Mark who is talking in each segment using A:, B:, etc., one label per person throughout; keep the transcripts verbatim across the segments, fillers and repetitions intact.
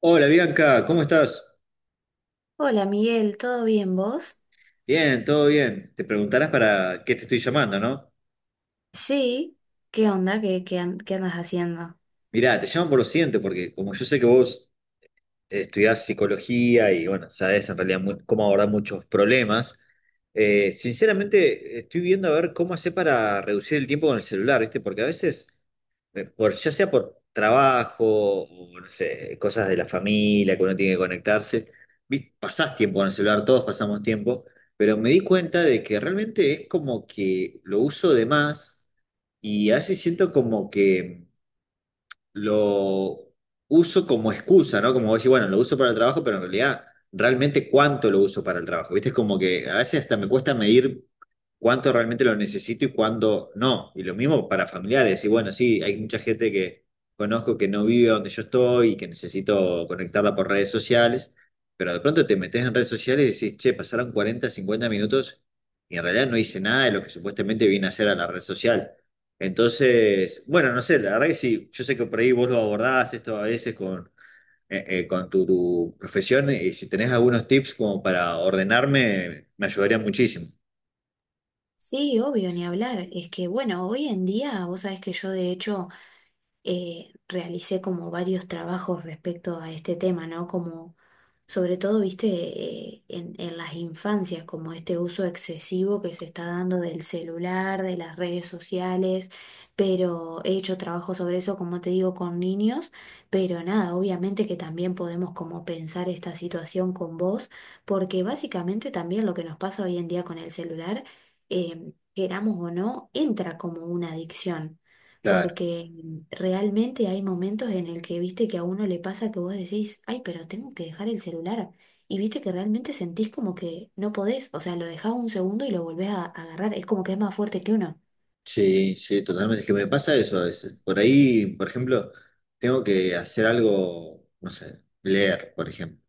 A: Hola Bianca, ¿cómo estás?
B: Hola Miguel, ¿todo bien vos?
A: Bien, todo bien. Te preguntarás para qué te estoy llamando, ¿no?
B: Sí, ¿qué onda? ¿Qué, qué, an- qué andas haciendo?
A: Mirá, te llamo por lo siguiente, porque como yo sé que vos eh, estudiás psicología y bueno, sabés en realidad mu- cómo abordar muchos problemas, eh, sinceramente estoy viendo a ver cómo hacer para reducir el tiempo con el celular, ¿viste? Porque a veces eh, por, ya sea por trabajo o no sé, cosas de la familia que uno tiene que conectarse, vi- pasás tiempo en el celular, todos pasamos tiempo, pero me di cuenta de que realmente es como que lo uso de más y a veces siento como que lo uso como excusa, ¿no? Como vos decís, bueno, lo uso para el trabajo, pero en realidad, ¿realmente cuánto lo uso para el trabajo? ¿Viste? Es como que a veces hasta me cuesta medir cuánto realmente lo necesito y cuándo no. Y lo mismo para familiares. Y bueno, sí, hay mucha gente que conozco que no vive donde yo estoy y que necesito conectarla por redes sociales, pero de pronto te metes en redes sociales y decís, che, pasaron cuarenta, cincuenta minutos y en realidad no hice nada de lo que supuestamente vine a hacer a la red social. Entonces, bueno, no sé, la verdad que sí, yo sé que por ahí vos lo abordás esto a veces con, eh, eh, con tu, tu profesión y si tenés algunos tips como para ordenarme, me ayudaría muchísimo.
B: Sí, obvio, ni hablar. Es que, bueno, hoy en día, vos sabés que yo de hecho eh, realicé como varios trabajos respecto a este tema, ¿no? Como sobre todo, viste, eh, en, en las infancias, como este uso excesivo que se está dando del celular, de las redes sociales, pero he hecho trabajo sobre eso, como te digo, con niños, pero nada, obviamente que también podemos como pensar esta situación con vos, porque básicamente también lo que nos pasa hoy en día con el celular, eh, queramos o no, entra como una adicción
A: Claro,
B: porque realmente hay momentos en el que viste que a uno le pasa que vos decís, ay, pero tengo que dejar el celular. Y viste que realmente sentís como que no podés, o sea, lo dejás un segundo y lo volvés a, a agarrar. Es como que es más fuerte que uno.
A: sí, sí, totalmente. Es que me pasa eso a veces. Por ahí, por ejemplo, tengo que hacer algo, no sé, leer, por ejemplo,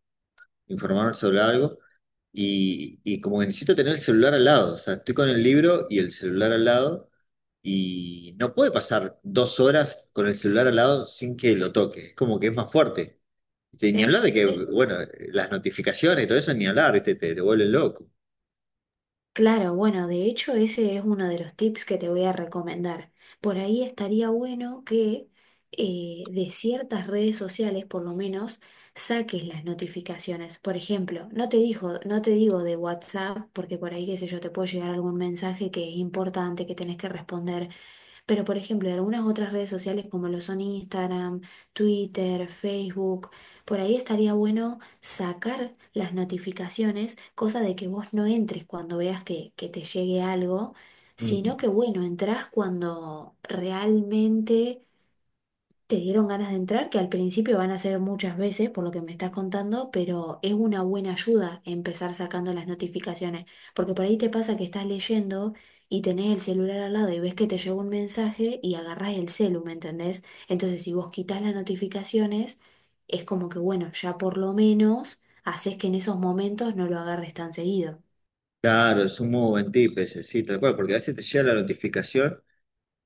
A: informarme sobre algo. Y, y como que necesito tener el celular al lado, o sea, estoy con el libro y el celular al lado, y no puede pasar dos horas con el celular al lado sin que lo toque, es como que es más fuerte. Este, ni hablar
B: Sí.
A: de que,
B: Sí, sí.
A: bueno, las notificaciones y todo eso, ni hablar, ¿viste? Te, te vuelven loco.
B: Claro, bueno, de hecho ese es uno de los tips que te voy a recomendar. Por ahí estaría bueno que eh, de ciertas redes sociales, por lo menos, saques las notificaciones. Por ejemplo, no te dijo, no te digo de WhatsApp, porque por ahí, qué sé yo, te puede llegar algún mensaje que es importante, que tenés que responder, pero, por ejemplo, en algunas otras redes sociales como lo son Instagram, Twitter, Facebook, por ahí estaría bueno sacar las notificaciones, cosa de que vos no entres cuando veas que, que te llegue algo,
A: Ujú.
B: sino que, bueno, entrás cuando realmente te dieron ganas de entrar, que al principio van a ser muchas veces, por lo que me estás contando, pero es una buena ayuda empezar sacando las notificaciones, porque por ahí te pasa que estás leyendo y tenés el celular al lado y ves que te llegó un mensaje y agarrás el celu, ¿me entendés? Entonces, si vos quitas las notificaciones, es como que, bueno, ya por lo menos haces que en esos momentos no lo agarres tan seguido.
A: Claro, es un modo buen sí, tal cual, porque a veces te llega la notificación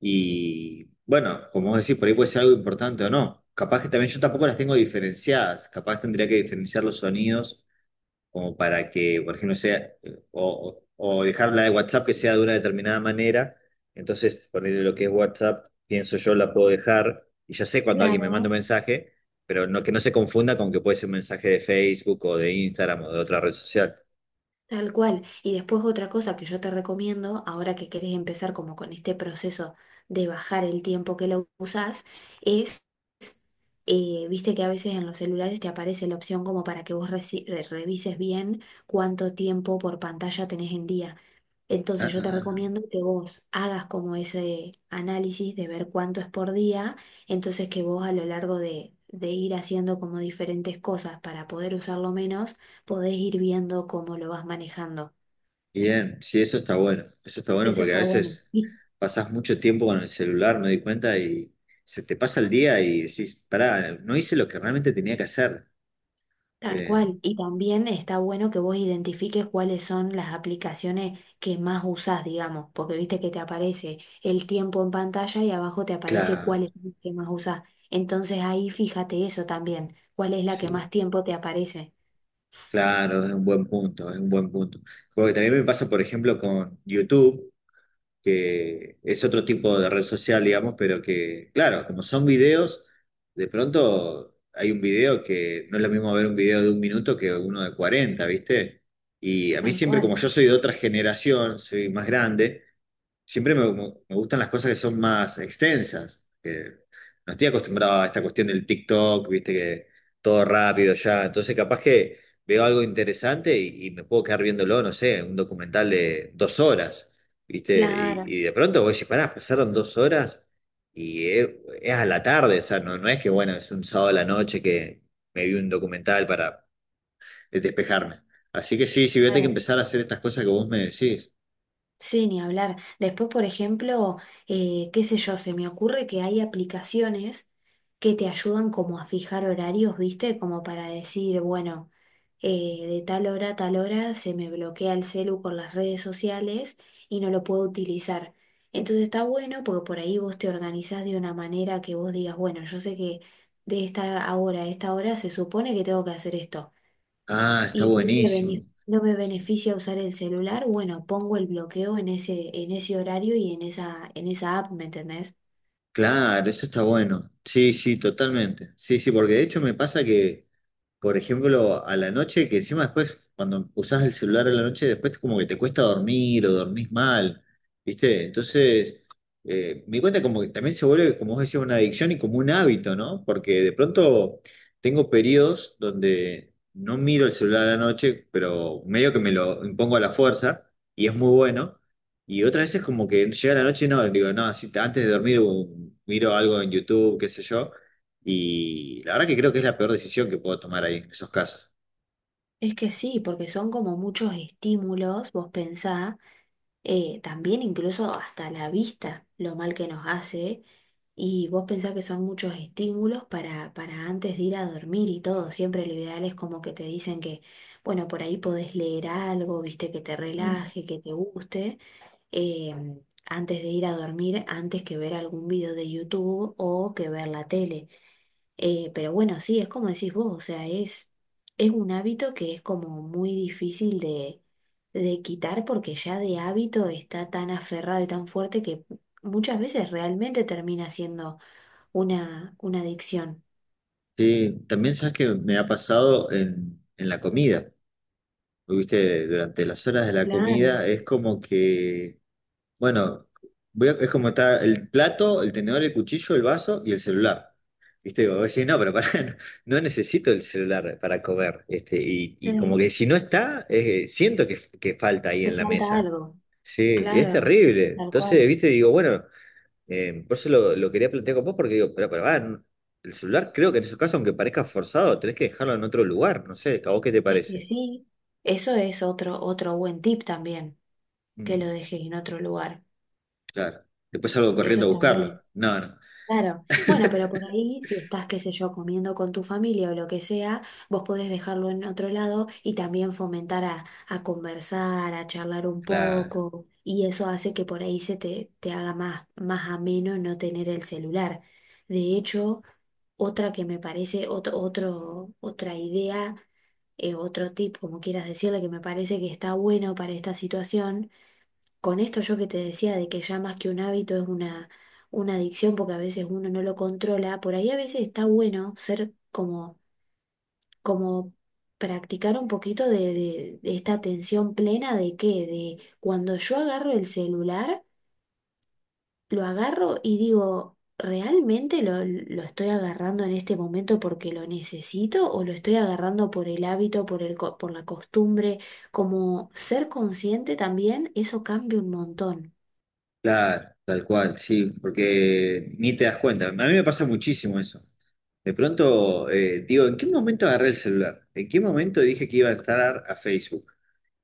A: y, bueno, como vos decís, por ahí puede ser algo importante o no. Capaz que también yo tampoco las tengo diferenciadas, capaz tendría que diferenciar los sonidos como para que, por ejemplo, sea, eh, o, o o dejar la de WhatsApp que sea de una determinada manera. Entonces, ponerle lo que es WhatsApp, pienso yo, la puedo dejar y ya sé cuando alguien me manda un
B: Claro.
A: mensaje, pero no, que no se confunda con que puede ser un mensaje de Facebook o de Instagram o de otra red social.
B: Tal cual. Y después otra cosa que yo te recomiendo, ahora que querés empezar como con este proceso de bajar el tiempo que lo usás, es, eh, viste que a veces en los celulares te aparece la opción como para que vos reci- re- revises bien cuánto tiempo por pantalla tenés en día.
A: Ah,
B: Entonces yo
A: ah,
B: te
A: ah.
B: recomiendo que vos hagas como ese análisis de ver cuánto es por día, entonces que vos a lo largo de, de ir haciendo como diferentes cosas para poder usarlo menos, podés ir viendo cómo lo vas manejando.
A: Bien, sí, eso está bueno. Eso está bueno
B: Eso
A: porque a
B: está bueno.
A: veces
B: Y
A: pasas mucho tiempo con el celular, me di cuenta, y se te pasa el día y decís, pará, no hice lo que realmente tenía que hacer.
B: Tal
A: Eh,
B: cual. Y también está bueno que vos identifiques cuáles son las aplicaciones que más usás, digamos, porque viste que te aparece el tiempo en pantalla y abajo te aparece
A: claro,
B: cuál es la que más usás. Entonces ahí fíjate eso también, cuál es la que
A: sí.
B: más tiempo te aparece.
A: Claro, es un buen punto, es un buen punto. Porque también me pasa, por ejemplo, con YouTube, que es otro tipo de red social, digamos, pero que, claro, como son videos, de pronto hay un video que no es lo mismo ver un video de un minuto que uno de cuarenta, ¿viste? Y a mí
B: Tal
A: siempre,
B: cual.
A: como yo soy de otra generación, soy más grande, siempre me, me- me gustan las cosas que son más extensas, que no estoy acostumbrado a esta cuestión del TikTok, viste que todo rápido ya. Entonces, capaz que veo algo interesante y, y me puedo quedar viéndolo, no sé, un documental de dos horas, viste. Y,
B: Claro,
A: y de pronto voy a decir, pará, pasaron dos horas y es, es a la tarde, o sea, no, no es que, bueno, es un sábado a la noche que me vi un documental para despejarme. Así que sí, sí, voy a tener que
B: claro.
A: empezar a hacer estas cosas que vos me decís.
B: Sí, ni hablar. Después, por ejemplo, eh, qué sé yo, se me ocurre que hay aplicaciones que te ayudan como a fijar horarios, ¿viste? Como para decir, bueno, eh, de tal hora a tal hora se me bloquea el celu con las redes sociales y no lo puedo utilizar. Entonces está bueno porque por ahí vos te organizás de una manera que vos digas, bueno, yo sé que de esta hora a esta hora se supone que tengo que hacer esto
A: Ah, está
B: y no me
A: buenísimo.
B: bene- no me beneficia usar el celular, bueno, pongo el bloqueo en ese, en ese horario y en esa, en esa app, ¿me entendés?
A: Claro, eso está bueno. Sí, sí, totalmente. Sí, sí, porque de hecho me pasa que por ejemplo, a la noche, que encima después, cuando usás el celular a la noche, después como que te cuesta dormir o dormís mal, ¿viste? Entonces, eh, me di cuenta como que también se vuelve, como vos decías, una adicción y como un hábito, ¿no? Porque de pronto tengo periodos donde no miro el celular a la noche, pero medio que me lo impongo a la fuerza y es muy bueno. Y otras veces como que llega la noche y no, digo, no, si antes de dormir um, miro algo en YouTube, qué sé yo. Y la verdad que creo que es la peor decisión que puedo tomar ahí, en esos casos.
B: Es que sí, porque son como muchos estímulos, vos pensá, eh, también incluso hasta la vista, lo mal que nos hace, y vos pensá que son muchos estímulos para, para antes de ir a dormir y todo, siempre lo ideal es como que te dicen que, bueno, por ahí podés leer algo, viste, que te relaje, que te guste. eh, antes de ir a dormir, antes que ver algún video de YouTube o que ver la tele. Eh, pero bueno, sí, es como decís vos, o sea, es, es un hábito que es como muy difícil de, de quitar porque ya de hábito está tan aferrado y tan fuerte que muchas veces realmente termina siendo una, una adicción.
A: Sí, también sabes que me ha pasado en, en la comida. Pues, viste, durante las horas de la
B: Claro,
A: comida es como que, bueno, voy a- es como está el plato, el tenedor, el cuchillo, el vaso y el celular. Viste, digo, oye, no, pero pará, no, no necesito el celular para comer. Este, y, y como
B: sí,
A: que si no está, eh, siento que, que falta ahí
B: te
A: en la
B: falta
A: mesa.
B: algo.
A: Sí, es
B: Claro,
A: terrible.
B: tal
A: Entonces,
B: cual.
A: viste, digo, bueno. Eh, por eso lo, lo quería plantear con vos, porque digo, pero, pero, ah, no- el celular creo que en esos casos, aunque parezca forzado, tenés que dejarlo en otro lugar, no sé, ¿a vos qué te
B: Es que
A: parece?
B: sí, eso es otro, otro buen tip también. Que lo
A: Mm,
B: dejes en otro lugar.
A: claro. Después salgo
B: Eso
A: corriendo a
B: está bueno.
A: buscarlo. No, no.
B: Claro. Bueno, pero por ahí, si estás, qué sé yo, comiendo con tu familia o lo que sea, vos podés dejarlo en otro lado y también fomentar a, a conversar, a charlar un
A: Claro,
B: poco. Y eso hace que por ahí se te, te haga más, más ameno no tener el celular. De hecho, otra que me parece, otro, otro, otra idea, eh, otro tip, como quieras decirle, que me parece que está bueno para esta situación con esto yo que te decía de que ya más que un hábito es una, una adicción porque a veces uno no lo controla, por ahí a veces está bueno ser como, como practicar un poquito de, de- de esta atención plena de que, de cuando yo agarro el celular, lo agarro y digo, ¿realmente lo, lo estoy agarrando en este momento porque lo necesito o lo estoy agarrando por el hábito, por el, co- por la costumbre? Como ser consciente también, eso cambia un montón.
A: claro, tal cual, sí, porque ni te das cuenta. A mí me pasa muchísimo eso. De pronto, eh, digo, ¿en qué momento agarré el celular? ¿En qué momento dije que iba a entrar a Facebook?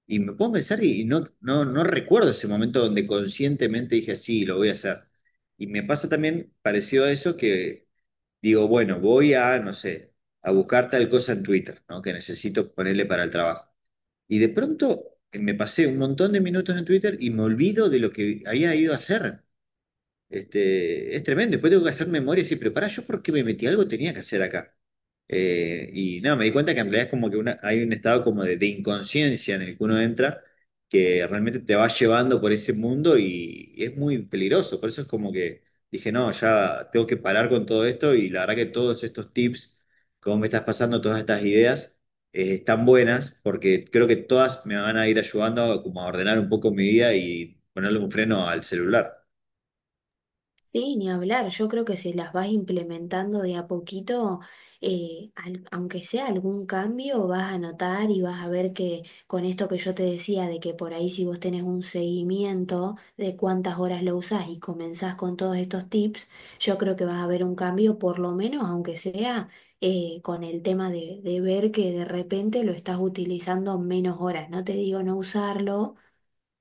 A: Y me pongo a pensar y no, no, no recuerdo ese momento donde conscientemente dije, sí, lo voy a hacer. Y me pasa también parecido a eso que digo, bueno, voy a, no sé, a buscar tal cosa en Twitter, ¿no? Que necesito ponerle para el trabajo. Y de pronto eh, me pasé un montón de minutos en Twitter y me olvido de lo que había ido a hacer. Este, es tremendo. Después tengo que hacer memoria y decir, pero pará, ¿yo por qué me metí? Algo tenía que hacer acá. Eh, y no, me di cuenta que en realidad es como que una- hay un estado como de, de inconsciencia en el que uno entra, que realmente te va llevando por ese mundo y, y es muy peligroso. Por eso es como que dije, no, ya tengo que parar con todo esto y la verdad que todos estos tips, como me estás pasando, todas estas ideas, eh, están buenas porque creo que todas me van a ir ayudando como a ordenar un poco mi vida y ponerle un freno al celular.
B: Sí, ni hablar. Yo creo que si las vas implementando de a poquito, eh, al- aunque sea algún cambio, vas a notar y vas a ver que con esto que yo te decía, de que por ahí si vos tenés un seguimiento de cuántas horas lo usás y comenzás con todos estos tips, yo creo que vas a ver un cambio, por lo menos, aunque sea eh, con el tema de, de ver que de repente lo estás utilizando menos horas. No te digo no usarlo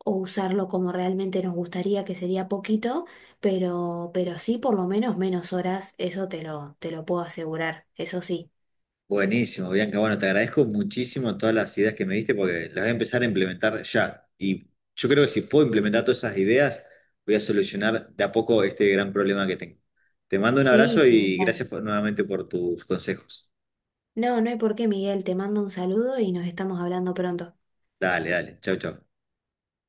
B: o usarlo como realmente nos gustaría, que sería poquito, pero, pero sí por lo menos menos horas, eso te lo, te lo puedo asegurar, eso sí.
A: Buenísimo, Bianca. Bueno, te agradezco muchísimo todas las ideas que me diste porque las voy a empezar a implementar ya. Y yo creo que si puedo implementar todas esas ideas, voy a solucionar de a poco este gran problema que tengo. Te mando un
B: Sí,
A: abrazo
B: ni
A: y
B: hablar.
A: gracias por- nuevamente por tus consejos.
B: No, no hay por qué, Miguel, te mando un saludo y nos estamos hablando pronto.
A: Dale, dale. Chau, chau.